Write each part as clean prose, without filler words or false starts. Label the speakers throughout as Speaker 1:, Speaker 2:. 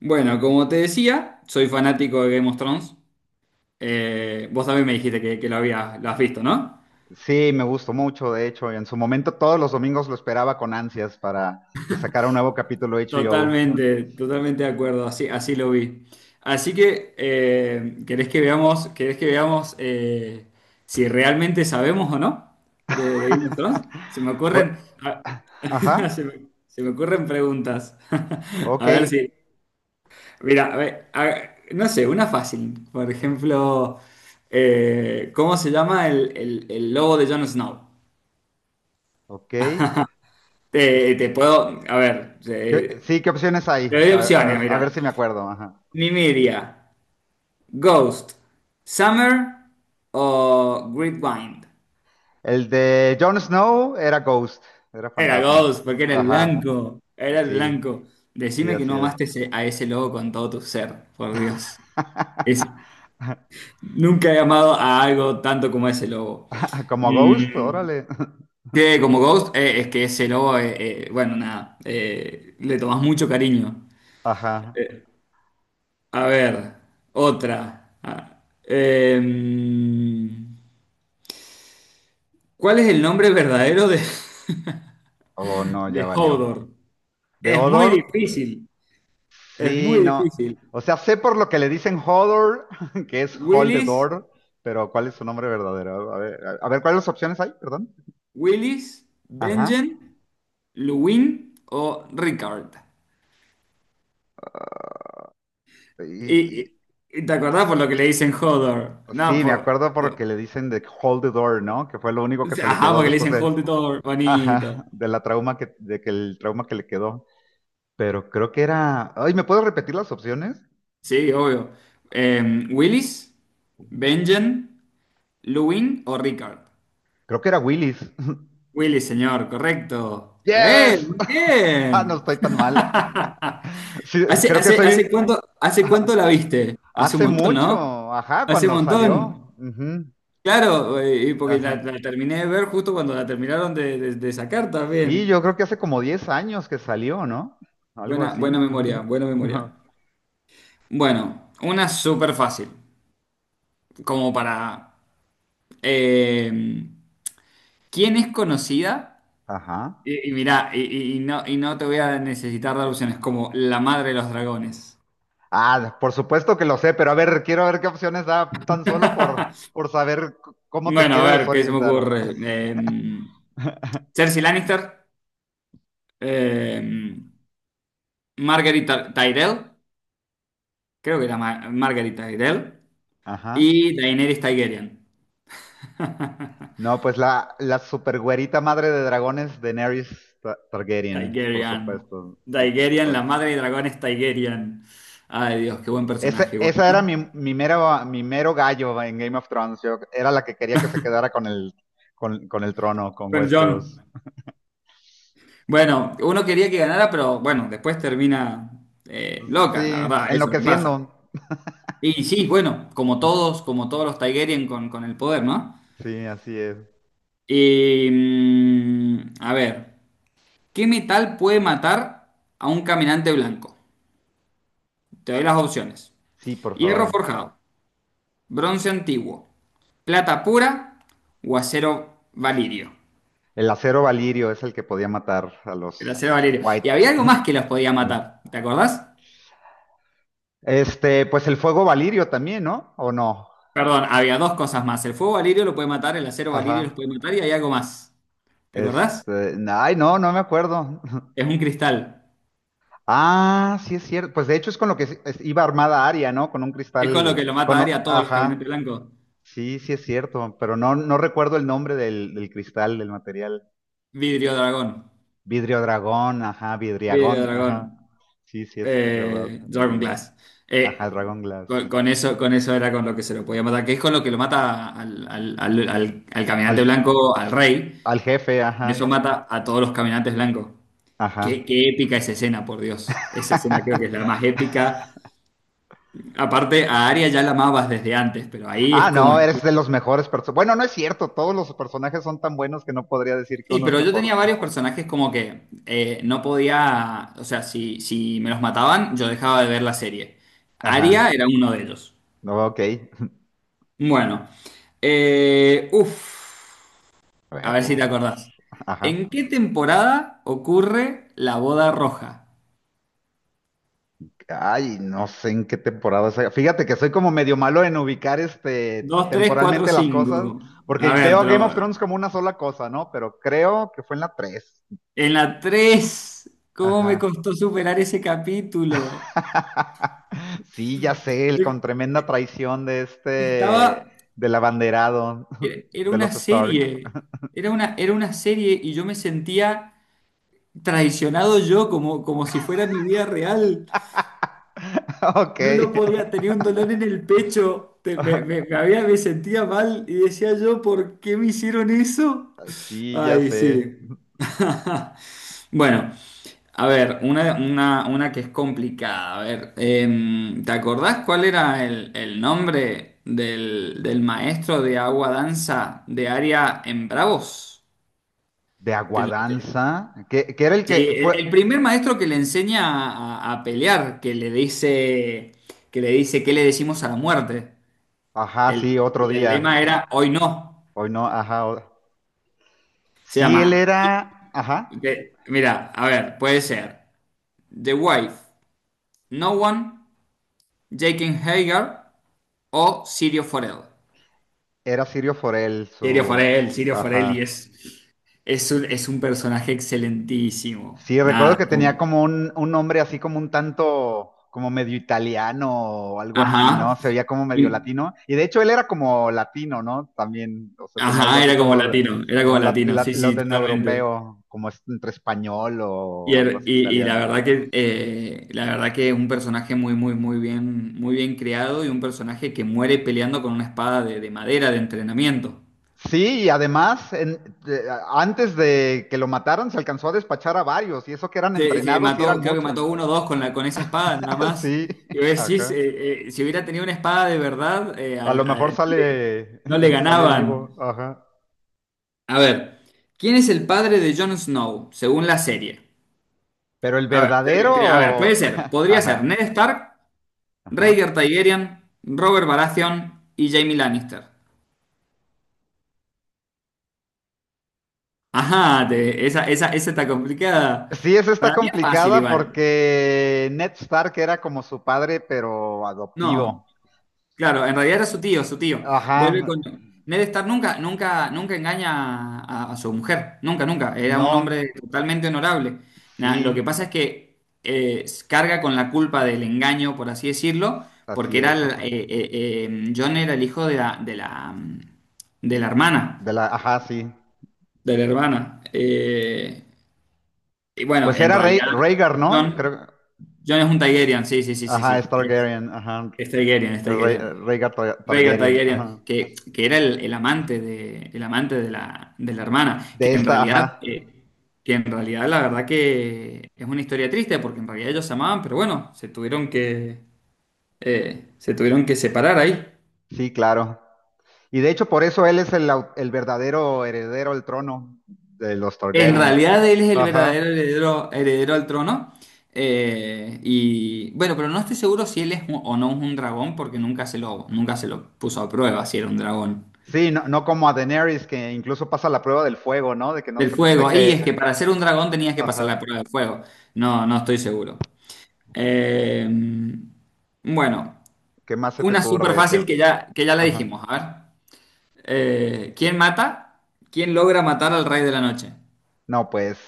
Speaker 1: Bueno, como te decía, soy fanático de Game of Thrones. Vos también me dijiste que lo habías, lo has visto, ¿no?
Speaker 2: Sí, me gustó mucho, de hecho, en su momento todos los domingos lo esperaba con ansias para que sacara un nuevo capítulo HBO.
Speaker 1: Totalmente, totalmente de acuerdo, así, así lo vi. Así que, querés que veamos si realmente sabemos o no de Game of Thrones? Se me
Speaker 2: Bu-
Speaker 1: ocurren, se
Speaker 2: Ajá,
Speaker 1: me, se me ocurren preguntas.
Speaker 2: ok,
Speaker 1: A ver si, mira, a ver, no sé, una fácil. Por ejemplo, ¿cómo se llama el logo de Jon Snow?
Speaker 2: ok. Es-
Speaker 1: Te puedo, a ver,
Speaker 2: ¿sí, qué opciones hay?
Speaker 1: te doy opciones,
Speaker 2: A ver
Speaker 1: mira.
Speaker 2: si me acuerdo. Ajá.
Speaker 1: Nymeria, Ghost, Summer o Gridwind.
Speaker 2: El de Jon Snow era Ghost, era
Speaker 1: Era
Speaker 2: fantasma.
Speaker 1: Ghost, porque era el
Speaker 2: Ajá,
Speaker 1: blanco, era el
Speaker 2: sí,
Speaker 1: blanco.
Speaker 2: sí,
Speaker 1: Decime que
Speaker 2: así
Speaker 1: no
Speaker 2: es.
Speaker 1: amaste a ese lobo con todo tu ser, por Dios. Es, nunca he amado a algo tanto como a ese logo.
Speaker 2: Como Ghost,
Speaker 1: Mm,
Speaker 2: órale.
Speaker 1: sí, como Ghost, es que ese lobo, bueno, nada, le tomás mucho cariño.
Speaker 2: Ajá.
Speaker 1: A ver, otra. Ah, em, ¿cuál es el nombre verdadero de,
Speaker 2: Oh, no, ya
Speaker 1: de
Speaker 2: valió.
Speaker 1: Hodor?
Speaker 2: ¿De
Speaker 1: Es muy
Speaker 2: Odor?
Speaker 1: difícil, es
Speaker 2: Sí,
Speaker 1: muy
Speaker 2: no.
Speaker 1: difícil.
Speaker 2: O sea, sé por lo que le dicen Hodor, que es Hold the
Speaker 1: ¿Willis,
Speaker 2: Door, pero ¿cuál es su nombre verdadero? A ver, a ver, ¿cuáles opciones hay? Perdón.
Speaker 1: Willis, Benjen,
Speaker 2: Ajá.
Speaker 1: Luwin o Rickard?
Speaker 2: Y-
Speaker 1: Y, y-
Speaker 2: y-
Speaker 1: y te acordás por lo que le dicen Hodor, no,
Speaker 2: sí, me
Speaker 1: por,
Speaker 2: acuerdo por lo
Speaker 1: por-
Speaker 2: que le dicen de Hold the Door, ¿no? Que fue lo único que se le
Speaker 1: ajá,
Speaker 2: quedó
Speaker 1: porque le
Speaker 2: después
Speaker 1: dicen
Speaker 2: de,
Speaker 1: Hodor,
Speaker 2: ajá,
Speaker 1: bonito.
Speaker 2: de la trauma que, de que el trauma que le quedó. Pero creo que era, ay, ¿me puedo repetir las opciones?
Speaker 1: Sí, obvio. Eh, ¿Willis, Benjen, Lewin o Rickard?
Speaker 2: Creo que era Willis.
Speaker 1: Willis, señor, correcto. ¡Eh!
Speaker 2: Yes.
Speaker 1: ¡Muy
Speaker 2: No
Speaker 1: bien!
Speaker 2: estoy tan mal. Sí,
Speaker 1: ¿Hace,
Speaker 2: creo que
Speaker 1: hace,
Speaker 2: soy.
Speaker 1: hace cuánto, hace cuánto la viste? Hace un
Speaker 2: Hace
Speaker 1: montón,
Speaker 2: mucho,
Speaker 1: ¿no?
Speaker 2: ajá,
Speaker 1: Hace un
Speaker 2: cuando salió.
Speaker 1: montón.
Speaker 2: Ujú.
Speaker 1: Claro, y porque la,
Speaker 2: Ajá.
Speaker 1: la terminé de ver justo cuando la terminaron de, de sacar
Speaker 2: Sí,
Speaker 1: también.
Speaker 2: yo creo que hace como 10 años que salió, ¿no? Algo
Speaker 1: Buena,
Speaker 2: así.
Speaker 1: buena memoria, buena memoria. Bueno, una súper fácil, como para... eh, ¿quién es conocida?
Speaker 2: Ajá.
Speaker 1: Y mirá, y no te voy a necesitar dar opciones, como la madre de los dragones.
Speaker 2: Ah, por supuesto que lo sé, pero a ver, quiero ver qué opciones da tan solo por saber cómo te
Speaker 1: Bueno,
Speaker 2: quiere
Speaker 1: a ver, ¿qué se me
Speaker 2: desorientar, ¿no?
Speaker 1: ocurre? Cersei Lannister, eh, Tyrell, creo que era Margaery Tyrell,
Speaker 2: Ajá.
Speaker 1: y Daenerys Targaryen.
Speaker 2: No, pues la supergüerita madre de dragones, Daenerys Targaryen, por
Speaker 1: Targaryen.
Speaker 2: supuesto. Sí, por
Speaker 1: Targaryen, la
Speaker 2: supuesto.
Speaker 1: madre de dragones Targaryen. Ay, Dios, qué buen personaje, bueno,
Speaker 2: Esa era mi,
Speaker 1: ¿no?
Speaker 2: mi, mero, mi mero gallo en Game of Thrones. Yo era la que quería que se quedara con el trono, con
Speaker 1: Con Jon.
Speaker 2: Westeros.
Speaker 1: Bueno, uno quería que ganara, pero bueno, después termina loca, la
Speaker 2: Sí,
Speaker 1: verdad, eso es lo que pasa.
Speaker 2: enloqueciendo.
Speaker 1: Y sí, bueno, como todos los Targaryen con el poder, ¿no?
Speaker 2: Sí, así es.
Speaker 1: A ver, ¿qué metal puede matar a un caminante blanco? Te doy las opciones.
Speaker 2: Sí, por
Speaker 1: Hierro
Speaker 2: favor.
Speaker 1: forjado, bronce antiguo, plata pura o acero valirio.
Speaker 2: El acero valirio es el que podía matar a
Speaker 1: El acero
Speaker 2: los
Speaker 1: valirio.
Speaker 2: White.
Speaker 1: Y había algo más que los podía matar, ¿te acordás?
Speaker 2: Este, pues el fuego valirio también, ¿no? ¿O no?
Speaker 1: Perdón, había dos cosas más. El fuego valirio lo puede matar, el acero valirio los
Speaker 2: Ajá.
Speaker 1: puede matar y hay algo más. ¿Te acordás?
Speaker 2: Este, ay, no, no me acuerdo.
Speaker 1: Es un cristal.
Speaker 2: Ah, sí es cierto. Pues de hecho es con lo que iba armada Aria, ¿no? Con un
Speaker 1: Es con lo
Speaker 2: cristal,
Speaker 1: que lo mata Arya a todos los
Speaker 2: ajá.
Speaker 1: caminantes blancos.
Speaker 2: Sí, sí es cierto, pero no, no recuerdo el nombre del cristal, del material.
Speaker 1: Vidrio Dragón.
Speaker 2: Vidrio dragón, ajá,
Speaker 1: Vidrio
Speaker 2: vidriagón, ajá.
Speaker 1: Dragón.
Speaker 2: Sí, sí, es verdad, el
Speaker 1: Dragon
Speaker 2: vidrio.
Speaker 1: Glass.
Speaker 2: Ajá, el
Speaker 1: Eh,
Speaker 2: dragón
Speaker 1: con,
Speaker 2: glass.
Speaker 1: con eso, con eso era con lo que se lo podía matar, que es con lo que lo mata al
Speaker 2: Al,
Speaker 1: caminante
Speaker 2: je-
Speaker 1: blanco, al rey.
Speaker 2: Al jefe,
Speaker 1: Con
Speaker 2: ajá,
Speaker 1: eso mata a todos los caminantes blancos. Qué,
Speaker 2: ajá.
Speaker 1: qué épica esa escena, por Dios. Esa escena creo que es la más épica. Aparte, a Arya ya la amabas desde antes, pero ahí es
Speaker 2: Ah,
Speaker 1: como
Speaker 2: no, eres de los mejores personajes. Bueno, no es cierto, todos los personajes son tan buenos que no podría decir que
Speaker 1: sí,
Speaker 2: uno es
Speaker 1: pero yo
Speaker 2: mejor.
Speaker 1: tenía varios personajes como que no podía, o sea, si me los mataban, yo dejaba de ver la serie.
Speaker 2: Ajá,
Speaker 1: Aria era uno de ellos.
Speaker 2: no, ok.
Speaker 1: Bueno, eh, uff,
Speaker 2: A
Speaker 1: a
Speaker 2: ver,
Speaker 1: ver si te acordás. ¿En
Speaker 2: ajá.
Speaker 1: qué temporada ocurre la boda roja?
Speaker 2: Ay, no sé en qué temporada sea. Fíjate que soy como medio malo en ubicar este
Speaker 1: 2, 3, 4,
Speaker 2: temporalmente las cosas,
Speaker 1: 5. A
Speaker 2: porque
Speaker 1: ver,
Speaker 2: veo a Game of Thrones como una sola cosa, ¿no? Pero creo que fue en la tres.
Speaker 1: en la 3. ¿Cómo me
Speaker 2: Ajá.
Speaker 1: costó superar ese capítulo?
Speaker 2: Sí, ya sé, el con tremenda traición de este,
Speaker 1: Estaba
Speaker 2: del abanderado
Speaker 1: Era,
Speaker 2: de los Stark.
Speaker 1: era una serie y yo me sentía traicionado yo como, como si fuera mi vida real. No lo
Speaker 2: Ok.
Speaker 1: podía, tenía un dolor en el pecho, me sentía mal y decía yo, ¿por qué me hicieron eso?
Speaker 2: Sí, ya
Speaker 1: Ay,
Speaker 2: sé.
Speaker 1: sí. Bueno, a ver, una que es complicada. A ver, ¿te acordás cuál era el nombre del maestro de agua danza de área en Bravos?
Speaker 2: De
Speaker 1: Te lo- te-
Speaker 2: Aguadanza, que era el
Speaker 1: Sí,
Speaker 2: que fue.
Speaker 1: el primer maestro que le enseña a, a pelear, que le dice, ¿qué le decimos a la muerte?
Speaker 2: Ajá,
Speaker 1: El-
Speaker 2: sí, otro
Speaker 1: y el
Speaker 2: día.
Speaker 1: lema era, hoy no.
Speaker 2: Hoy no, ajá.
Speaker 1: Se
Speaker 2: Sí, él
Speaker 1: llama,
Speaker 2: era, ajá,
Speaker 1: de- mira, a ver, puede ser The Wife, No One, Jake and Hager o Sirio Forel.
Speaker 2: era Sirio Forel,
Speaker 1: Sirio
Speaker 2: su,
Speaker 1: Forel, Sirio Forel, y
Speaker 2: ajá.
Speaker 1: es un personaje excelentísimo.
Speaker 2: Sí, recuerdo
Speaker 1: Nada,
Speaker 2: que
Speaker 1: como-
Speaker 2: tenía como un nombre así como un tanto, como medio italiano o algo así,
Speaker 1: ajá,
Speaker 2: ¿no? Se oía como medio
Speaker 1: Y-
Speaker 2: latino. Y de hecho él era como latino, ¿no? También, o sea, tenía algo
Speaker 1: ajá,
Speaker 2: así como,
Speaker 1: era como
Speaker 2: como
Speaker 1: latino, sí, sí, totalmente.
Speaker 2: latinoeuropeo, como entre español
Speaker 1: Y,
Speaker 2: o algo así
Speaker 1: y
Speaker 2: italiano.
Speaker 1: la verdad que un personaje muy muy muy bien creado y un personaje que muere peleando con una espada de madera de entrenamiento.
Speaker 2: Sí, y además, antes de que lo mataran, se alcanzó a despachar a varios, y eso que eran
Speaker 1: Se
Speaker 2: entrenados y eran
Speaker 1: mató, creo que
Speaker 2: muchos.
Speaker 1: mató uno o dos con la con esa espada nada más.
Speaker 2: Sí,
Speaker 1: Y vos decís,
Speaker 2: ajá.
Speaker 1: si hubiera tenido una espada de verdad,
Speaker 2: A lo mejor
Speaker 1: no le,
Speaker 2: sale,
Speaker 1: no le
Speaker 2: sale
Speaker 1: ganaban.
Speaker 2: vivo, ajá.
Speaker 1: A ver, ¿quién es el padre de Jon Snow según la serie?
Speaker 2: Pero el
Speaker 1: A ver, a ver, puede
Speaker 2: verdadero,
Speaker 1: ser, podría ser
Speaker 2: ajá,
Speaker 1: Ned Stark,
Speaker 2: ajá.
Speaker 1: Rhaegar Targaryen, Robert Baratheon y Jaime Lannister. Ajá, esa, esa, esa está complicada.
Speaker 2: Sí, esa está
Speaker 1: Para mí es fácil
Speaker 2: complicada
Speaker 1: igual.
Speaker 2: porque Ned Stark era como su padre, pero
Speaker 1: No,
Speaker 2: adoptivo.
Speaker 1: claro, en realidad era su tío, su tío. Vuelve
Speaker 2: Ajá,
Speaker 1: con... Ned Stark nunca, nunca, nunca engaña a su mujer, nunca, nunca. Era
Speaker 2: no,
Speaker 1: un hombre totalmente honorable. Lo que
Speaker 2: sí,
Speaker 1: pasa es que carga con la culpa del engaño, por así decirlo, porque
Speaker 2: así
Speaker 1: era
Speaker 2: es, ajá.
Speaker 1: Jon era el hijo de la
Speaker 2: De
Speaker 1: hermana,
Speaker 2: la, ajá, sí.
Speaker 1: de la hermana. Y bueno,
Speaker 2: Pues
Speaker 1: en
Speaker 2: era Rey,
Speaker 1: realidad,
Speaker 2: Rhaegar, ¿no?
Speaker 1: John...
Speaker 2: Creo,
Speaker 1: Jon es un Targaryen, sí, sí, sí, sí,
Speaker 2: ajá, es
Speaker 1: sí.
Speaker 2: Targaryen, ajá.
Speaker 1: Es Targaryen, es Targaryen.
Speaker 2: Rhaegar
Speaker 1: Rhaegar
Speaker 2: Targaryen, ajá.
Speaker 1: Targaryen, que era el amante de la hermana,
Speaker 2: De esta, ajá,
Speaker 1: que en realidad la verdad que es una historia triste, porque en realidad ellos se amaban, pero bueno, se tuvieron que separar ahí.
Speaker 2: sí, claro. Y de hecho, por eso él es el verdadero heredero al trono de los
Speaker 1: En
Speaker 2: Targaryen.
Speaker 1: realidad él es el verdadero
Speaker 2: Ajá.
Speaker 1: heredero, heredero al trono. Y bueno, pero no estoy seguro si él es un- o no es un dragón, porque nunca se lo, nunca se lo puso a prueba si era un dragón.
Speaker 2: Sí, no, no como a Daenerys, que incluso pasa la prueba del fuego, ¿no? De que no
Speaker 1: Del
Speaker 2: se, de
Speaker 1: fuego. Y es
Speaker 2: que,
Speaker 1: que para ser un dragón tenías que pasar la
Speaker 2: ajá.
Speaker 1: prueba del fuego. No, no estoy seguro. Eh, bueno,
Speaker 2: ¿Qué más se te
Speaker 1: una súper
Speaker 2: ocurre? Que,
Speaker 1: fácil que ya la
Speaker 2: ajá.
Speaker 1: dijimos. A ver. ¿Quién mata? ¿Quién logra matar al rey de la noche?
Speaker 2: No, pues,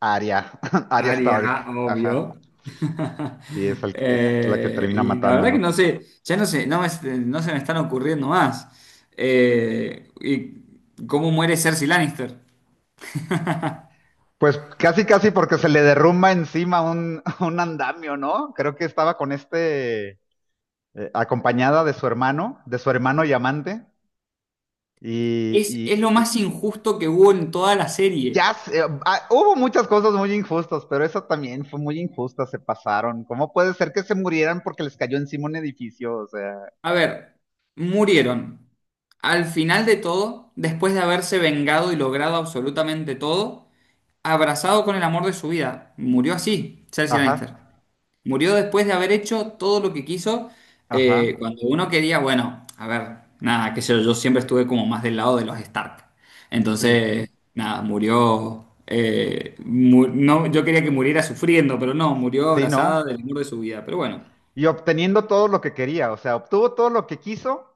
Speaker 2: Arya, Arya
Speaker 1: Aria,
Speaker 2: Stark, ajá.
Speaker 1: obvio.
Speaker 2: Sí, es la que termina
Speaker 1: Y la verdad que
Speaker 2: matándolo.
Speaker 1: no sé, ya no sé, no, no se me están ocurriendo más. ¿Y cómo muere Cersei Lannister?
Speaker 2: Pues casi, casi porque se le derrumba encima un, un andamio, ¿no? Creo que estaba con este, acompañada de su hermano y amante. Y,
Speaker 1: Es lo
Speaker 2: y- y
Speaker 1: más injusto que hubo en toda la serie.
Speaker 2: ya sé, ah, hubo muchas cosas muy injustas, pero eso también fue muy injusta, se pasaron. ¿Cómo puede ser que se murieran porque les cayó encima un edificio? O sea,
Speaker 1: A ver, murieron. Al final de todo, después de haberse vengado y logrado absolutamente todo, abrazado con el amor de su vida, murió así, Cersei
Speaker 2: ajá,
Speaker 1: Lannister. Murió después de haber hecho todo lo que quiso,
Speaker 2: ajá,
Speaker 1: cuando uno quería, bueno, a ver, nada, qué sé yo, yo siempre estuve como más del lado de los Stark.
Speaker 2: sí,
Speaker 1: Entonces, nada, murió, no, yo quería que muriera sufriendo, pero no, murió
Speaker 2: sí,
Speaker 1: abrazada
Speaker 2: no.
Speaker 1: del amor de su vida, pero bueno.
Speaker 2: Y obteniendo todo lo que quería, o sea, obtuvo todo lo que quiso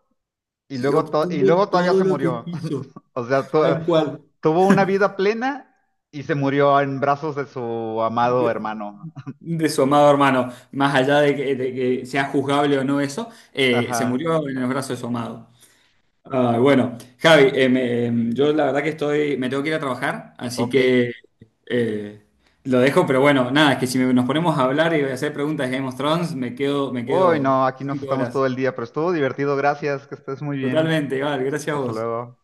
Speaker 2: y
Speaker 1: Y
Speaker 2: luego, y
Speaker 1: obtuvo
Speaker 2: luego todavía
Speaker 1: todo
Speaker 2: se
Speaker 1: lo que
Speaker 2: murió.
Speaker 1: quiso.
Speaker 2: O sea,
Speaker 1: Tal cual.
Speaker 2: tuvo una vida plena y se murió en brazos de su amado
Speaker 1: De,
Speaker 2: hermano.
Speaker 1: de su amado hermano, más allá de de que sea juzgable o no eso,
Speaker 2: Ajá,
Speaker 1: se murió en los brazos de su amado. Ah, bueno, Javi, yo la verdad que estoy, me tengo que ir a trabajar, así
Speaker 2: ok.
Speaker 1: que eh, lo dejo, pero bueno, nada, es que si me- nos ponemos a hablar y a hacer preguntas de Game of Thrones, me
Speaker 2: Uy,
Speaker 1: quedo
Speaker 2: no, aquí nos
Speaker 1: cinco
Speaker 2: estamos
Speaker 1: horas.
Speaker 2: todo el día, pero estuvo divertido, gracias, que estés muy bien.
Speaker 1: Totalmente, Val, gracias a
Speaker 2: Hasta
Speaker 1: vos.
Speaker 2: luego.